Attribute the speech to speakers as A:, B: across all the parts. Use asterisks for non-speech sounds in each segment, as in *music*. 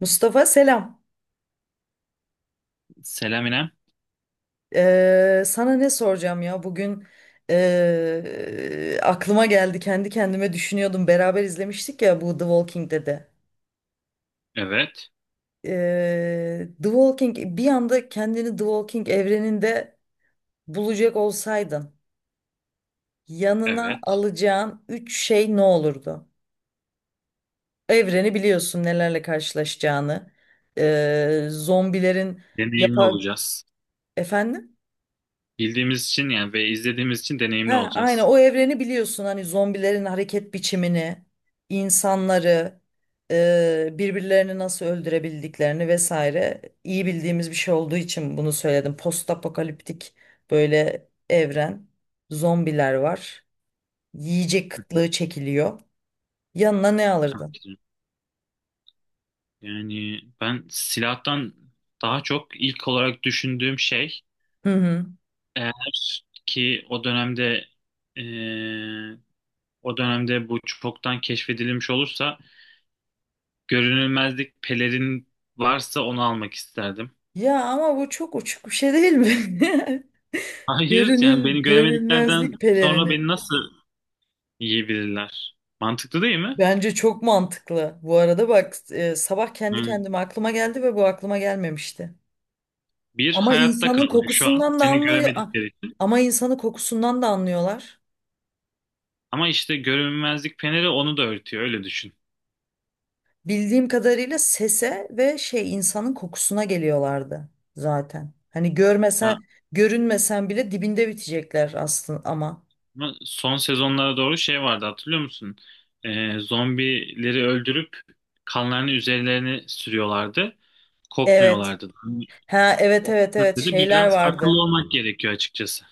A: Mustafa, selam.
B: Selam İrem.
A: Sana ne soracağım ya, bugün aklıma geldi, kendi kendime düşünüyordum. Beraber izlemiştik ya bu The Walking Dead'i.
B: Evet,
A: The Walking, bir anda kendini The Walking evreninde bulacak olsaydın yanına
B: evet.
A: alacağın üç şey ne olurdu? Evreni biliyorsun, nelerle karşılaşacağını, zombilerin
B: Deneyimli
A: yapar
B: olacağız.
A: efendim.
B: Bildiğimiz için yani ve izlediğimiz için deneyimli
A: Ha, aynen,
B: olacağız.
A: o evreni biliyorsun, hani zombilerin hareket biçimini, insanları, birbirlerini nasıl öldürebildiklerini vesaire, iyi bildiğimiz bir şey olduğu için bunu söyledim. Post apokaliptik böyle evren, zombiler var, yiyecek kıtlığı çekiliyor. Yanına ne alırdın?
B: Tabii ki. Yani ben silahtan daha çok ilk olarak düşündüğüm şey
A: Hı hı.
B: eğer ki o dönemde eee, o dönemde bu çoktan keşfedilmiş olursa görünülmezlik pelerin varsa onu almak isterdim.
A: Ya ama bu çok uçuk bir şey değil mi? *laughs*
B: Hayır yani beni göremediklerden
A: Görünmezlik
B: sonra beni
A: pelerini.
B: nasıl yiyebilirler? Mantıklı değil mi?
A: Bence çok mantıklı. Bu arada bak, sabah kendi kendime aklıma geldi ve bu aklıma gelmemişti.
B: Bir,
A: Ama
B: hayatta
A: insanın
B: kaldın şu an.
A: kokusundan da
B: Seni
A: anlıyor.
B: göremedikleri için.
A: Ama insanın kokusundan da anlıyorlar.
B: Ama işte görünmezlik peneri onu da örtüyor. Öyle düşün.
A: Bildiğim kadarıyla sese ve şey insanın kokusuna geliyorlardı zaten. Hani
B: Ya,
A: görmesen, görünmesen bile dibinde bitecekler aslında ama.
B: ama son sezonlara doğru şey vardı hatırlıyor musun? Zombileri öldürüp kanlarını üzerlerine sürüyorlardı.
A: Evet.
B: Kokmuyorlardı. Yani
A: Ha, evet,
B: o
A: evet, evet,
B: yüzden de
A: şeyler
B: biraz akıllı
A: vardı.
B: olmak gerekiyor açıkçası.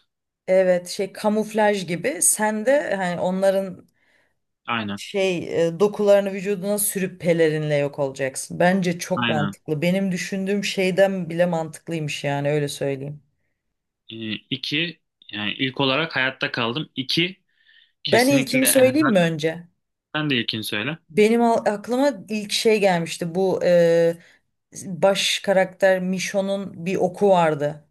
A: Evet, şey kamuflaj gibi. Sen de hani onların
B: Aynen.
A: şey dokularını vücuduna sürüp pelerinle yok olacaksın. Bence çok
B: Aynen.
A: mantıklı. Benim düşündüğüm şeyden bile mantıklıymış, yani öyle söyleyeyim.
B: İki, yani ilk olarak hayatta kaldım. İki,
A: Ben ilkimi
B: kesinlikle
A: söyleyeyim mi
B: erzak.
A: önce?
B: Sen de ilkini söyle.
A: Benim aklıma ilk şey gelmişti. Bu baş karakter Mişon'un bir oku vardı.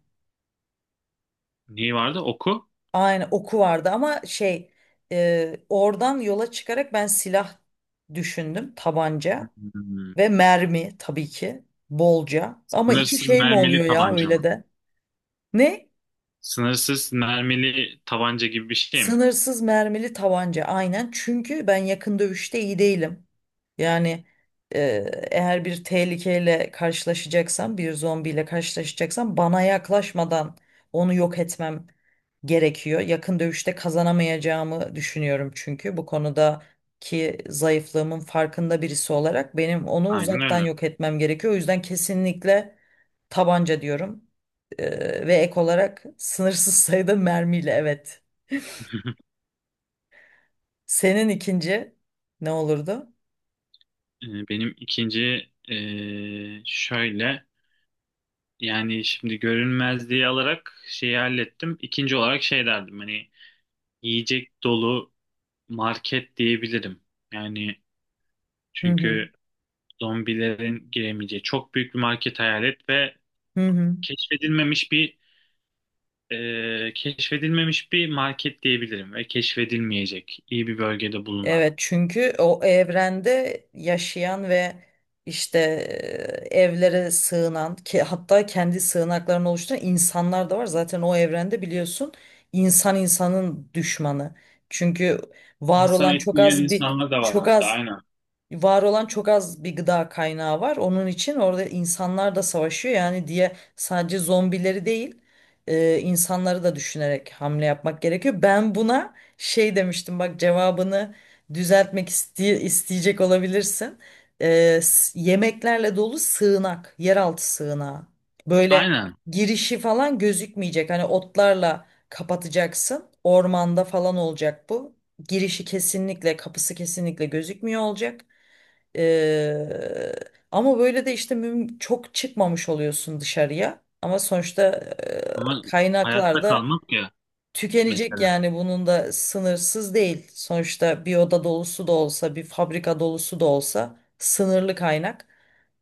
B: Neyi vardı? Oku.
A: Aynen, oku vardı ama şey oradan yola çıkarak ben silah düşündüm. Tabanca
B: Hmm.
A: ve mermi, tabii ki bolca. Ama iki
B: Sınırsız
A: şey mi
B: mermili
A: oluyor ya
B: tabanca
A: öyle
B: mı?
A: de? Ne?
B: Sınırsız mermili tabanca gibi bir şey mi?
A: Sınırsız mermili tabanca, aynen, çünkü ben yakın dövüşte iyi değilim. Yani e, eğer bir tehlikeyle karşılaşacaksam, bir zombiyle karşılaşacaksam, bana yaklaşmadan onu yok etmem gerekiyor. Yakın dövüşte kazanamayacağımı düşünüyorum, çünkü bu konudaki zayıflığımın farkında birisi olarak benim onu
B: Aynen
A: uzaktan
B: öyle.
A: yok etmem gerekiyor. O yüzden kesinlikle tabanca diyorum. Ve ek olarak sınırsız sayıda mermiyle, evet.
B: *laughs*
A: Senin ikinci ne olurdu?
B: Benim ikinci şöyle yani şimdi görünmezliği alarak şeyi hallettim. İkinci olarak şey derdim hani yiyecek dolu market diyebilirim. Yani
A: Hı hı.
B: çünkü zombilerin giremeyeceği çok büyük bir market hayal et ve
A: Hı hı.
B: keşfedilmemiş bir keşfedilmemiş bir market diyebilirim ve keşfedilmeyecek iyi bir bölgede bulunan.
A: Evet, çünkü o evrende yaşayan ve işte evlere sığınan, ki hatta kendi sığınaklarını oluşturan insanlar da var. Zaten o evrende biliyorsun, insan insanın düşmanı. Çünkü var
B: İnsan
A: olan
B: eti
A: çok
B: yiyen
A: az bir
B: insanlar da var
A: çok
B: hatta
A: az
B: aynen.
A: var olan çok az bir gıda kaynağı var. Onun için orada insanlar da savaşıyor. Yani diye sadece zombileri değil, insanları da düşünerek hamle yapmak gerekiyor. Ben buna şey demiştim bak, cevabını düzeltmek isteyecek olabilirsin. Yemeklerle dolu sığınak, yeraltı sığınağı. Böyle
B: Aynen
A: girişi falan gözükmeyecek. Hani otlarla kapatacaksın. Ormanda falan olacak bu. Girişi kesinlikle, kapısı kesinlikle gözükmüyor olacak. Eee, Ama böyle de işte çok çıkmamış oluyorsun dışarıya. Ama sonuçta
B: ama
A: kaynaklar
B: hayatta
A: da
B: kalmak ya
A: tükenecek,
B: mesela.
A: yani bunun da sınırsız değil. Sonuçta bir oda dolusu da olsa, bir fabrika dolusu da olsa sınırlı kaynak.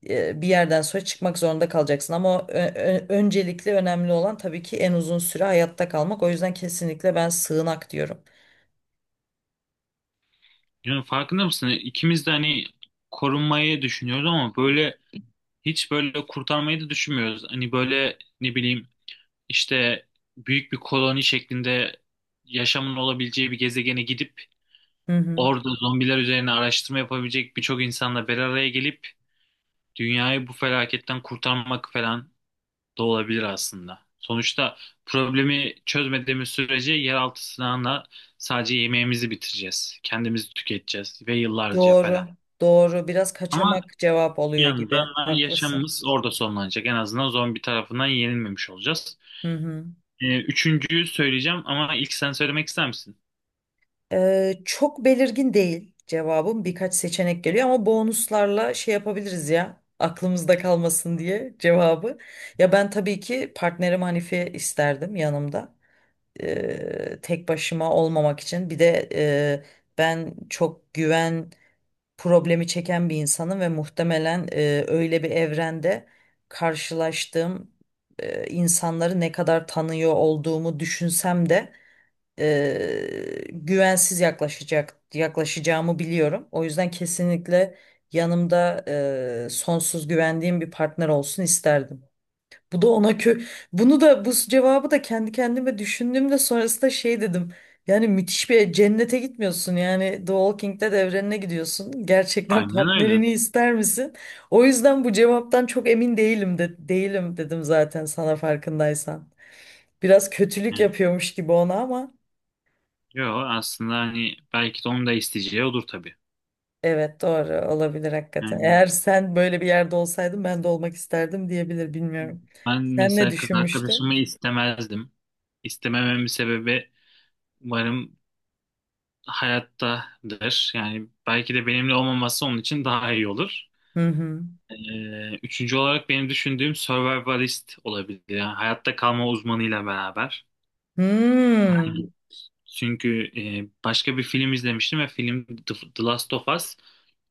A: Bir yerden sonra çıkmak zorunda kalacaksın. Ama öncelikli önemli olan tabii ki en uzun süre hayatta kalmak. O yüzden kesinlikle ben sığınak diyorum.
B: Yani farkında mısın? İkimiz de hani korunmayı düşünüyoruz ama böyle hiç böyle kurtarmayı da düşünmüyoruz. Hani böyle ne bileyim işte büyük bir koloni şeklinde yaşamın olabileceği bir gezegene gidip
A: Hı hı.
B: orada zombiler üzerine araştırma yapabilecek birçok insanla bir araya gelip dünyayı bu felaketten kurtarmak falan da olabilir aslında. Sonuçta problemi çözmediğimiz sürece yeraltı silahına sadece yemeğimizi bitireceğiz. Kendimizi tüketeceğiz ve yıllarca
A: Doğru,
B: falan.
A: doğru. Biraz
B: Ama
A: kaçamak cevap
B: bir
A: oluyor gibi.
B: yandan
A: Haklısın.
B: yaşamımız orada sonlanacak. En azından zombi tarafından yenilmemiş olacağız.
A: Hı hı.
B: Üçüncüyü söyleyeceğim ama ilk sen söylemek ister misin?
A: Çok belirgin değil cevabım. Birkaç seçenek geliyor ama bonuslarla şey yapabiliriz ya. Aklımızda kalmasın diye cevabı. Ya ben tabii ki partnerim Hanife isterdim yanımda. Tek başıma olmamak için. Bir de ben çok güven problemi çeken bir insanım ve muhtemelen öyle bir evrende karşılaştığım insanları ne kadar tanıyor olduğumu düşünsem de güvensiz yaklaşacağımı biliyorum. O yüzden kesinlikle yanımda sonsuz güvendiğim bir partner olsun isterdim. Bu da ona kö Bunu da bu cevabı da kendi kendime düşündüğümde sonrasında şey dedim. Yani müthiş bir cennete gitmiyorsun. Yani The Walking Dead evrenine gidiyorsun. Gerçekten *laughs*
B: Aynen öyle.
A: partnerini ister misin? O yüzden bu cevaptan çok emin değilim, de değilim dedim zaten, sana farkındaysan. Biraz kötülük
B: Yani,
A: yapıyormuş gibi ona ama.
B: yo aslında hani belki de onu da isteyeceği odur tabii.
A: Evet, doğru olabilir hakikaten.
B: Yani
A: Eğer sen böyle bir yerde olsaydın ben de olmak isterdim diyebilir, bilmiyorum.
B: ben
A: Sen ne
B: mesela kız arkadaşımı
A: düşünmüştün?
B: istemezdim. İstemememin sebebi umarım hayattadır. Yani belki de benimle olmaması onun için daha iyi olur.
A: Hı hı.
B: Üçüncü olarak benim düşündüğüm survivalist olabilir. Yani hayatta kalma uzmanıyla beraber.
A: Hmm.
B: Çünkü başka bir film izlemiştim ve film The Last of Us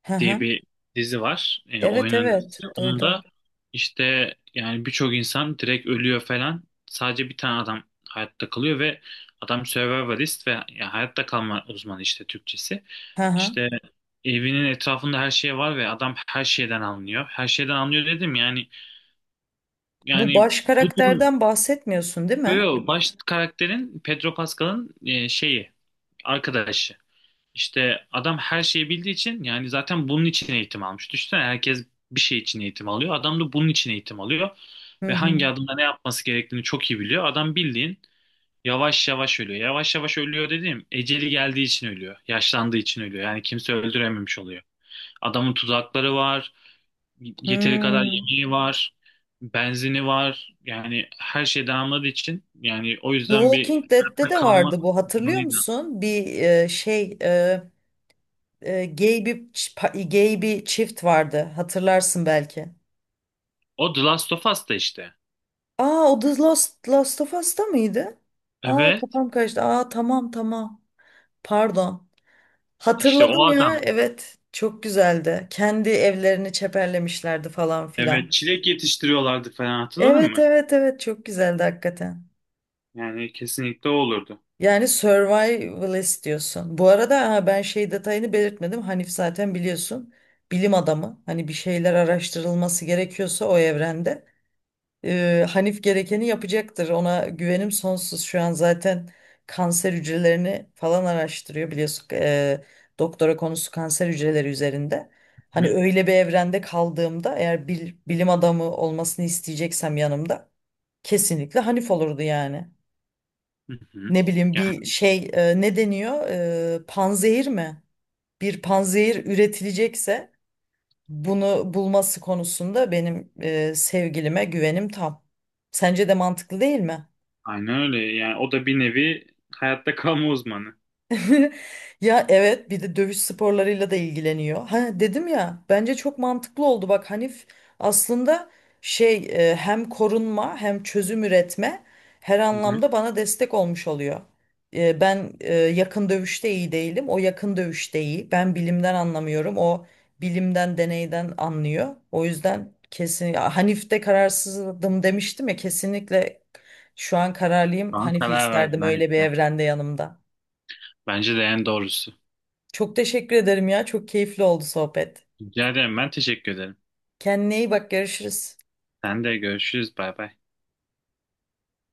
A: Hı
B: diye
A: hı.
B: bir dizi var. E,
A: Evet,
B: oyunun dizisi.
A: evet,
B: Onda
A: duydum.
B: işte yani birçok insan direkt ölüyor falan. Sadece bir tane adam hayatta kalıyor ve adam survivalist ve ya hayatta kalma uzmanı işte Türkçesi.
A: Hı hı.
B: İşte evinin etrafında her şey var ve adam her şeyden anlıyor. Her şeyden anlıyor dedim yani
A: Bu
B: yani
A: baş
B: bu durum
A: karakterden bahsetmiyorsun değil
B: böyle
A: mi?
B: yo, baş karakterin Pedro Pascal'ın şeyi arkadaşı. İşte adam her şeyi bildiği için yani zaten bunun için eğitim almış. Düşünsene herkes bir şey için eğitim alıyor. Adam da bunun için eğitim alıyor.
A: Hı
B: Ve
A: hı.
B: hangi adımda ne yapması gerektiğini çok iyi biliyor. Adam bildiğin yavaş yavaş ölüyor. Yavaş yavaş ölüyor dediğim eceli geldiği için ölüyor. Yaşlandığı için ölüyor. Yani kimse öldürememiş oluyor. Adamın tuzakları var. Yeteri kadar
A: Hmm.
B: yemeği var. Benzini var. Yani her şey damladığı için yani o
A: The
B: yüzden bir
A: Walking Dead'te
B: hayatta
A: de
B: kalma
A: vardı bu, hatırlıyor
B: durumuyla.
A: musun? Bir şey gay bir çift vardı, hatırlarsın belki.
B: O The Last of Us'ta işte.
A: Aa, o The Last of Us'ta mıydı? Aa,
B: Evet.
A: kafam karıştı. Aa, tamam, tamam. Pardon.
B: İşte o
A: Hatırladım ya.
B: adam.
A: Evet. Çok güzeldi. Kendi evlerini çeperlemişlerdi falan filan.
B: Evet, çilek yetiştiriyorlardı falan hatırladın
A: Evet,
B: mı?
A: evet, evet, çok güzeldi hakikaten.
B: Yani kesinlikle o olurdu.
A: Yani survivalist diyorsun. Bu arada ha, ben şey detayını belirtmedim. Hanif zaten biliyorsun. Bilim adamı. Hani bir şeyler araştırılması gerekiyorsa o evrende. Hanif gerekeni yapacaktır. Ona güvenim sonsuz. Şu an zaten kanser hücrelerini falan araştırıyor biliyorsun. Doktora konusu kanser hücreleri üzerinde.
B: Hı
A: Hani öyle bir evrende kaldığımda eğer bilim adamı olmasını isteyeceksem yanımda kesinlikle Hanif olurdu yani.
B: hı. Hı.
A: Ne bileyim bir
B: Yani
A: şey, ne deniyor? Panzehir mi? Bir panzehir üretilecekse bunu bulması konusunda benim sevgilime güvenim tam. Sence de mantıklı değil mi?
B: aynen öyle. Yani o da bir nevi hayatta kalma uzmanı.
A: *laughs* Ya evet, bir de dövüş sporlarıyla da ilgileniyor. Ha dedim ya, bence çok mantıklı oldu. Bak Hanif aslında şey hem korunma hem çözüm üretme, her
B: Hı hı.
A: anlamda bana destek olmuş oluyor. Ben yakın dövüşte iyi değilim. O yakın dövüşte iyi. Ben bilimden anlamıyorum. O bilimden deneyden anlıyor. O yüzden kesin ya, Hanif'te kararsızdım demiştim ya, kesinlikle şu an kararlıyım.
B: Şu an
A: Hanif'i
B: karar
A: isterdim
B: verdin
A: öyle bir
B: Hanif'le.
A: evrende yanımda.
B: Bence de en doğrusu.
A: Çok teşekkür ederim ya. Çok keyifli oldu sohbet.
B: Rica ederim. Ben teşekkür ederim.
A: Kendine iyi bak. Görüşürüz.
B: Sen de görüşürüz. Bay bay.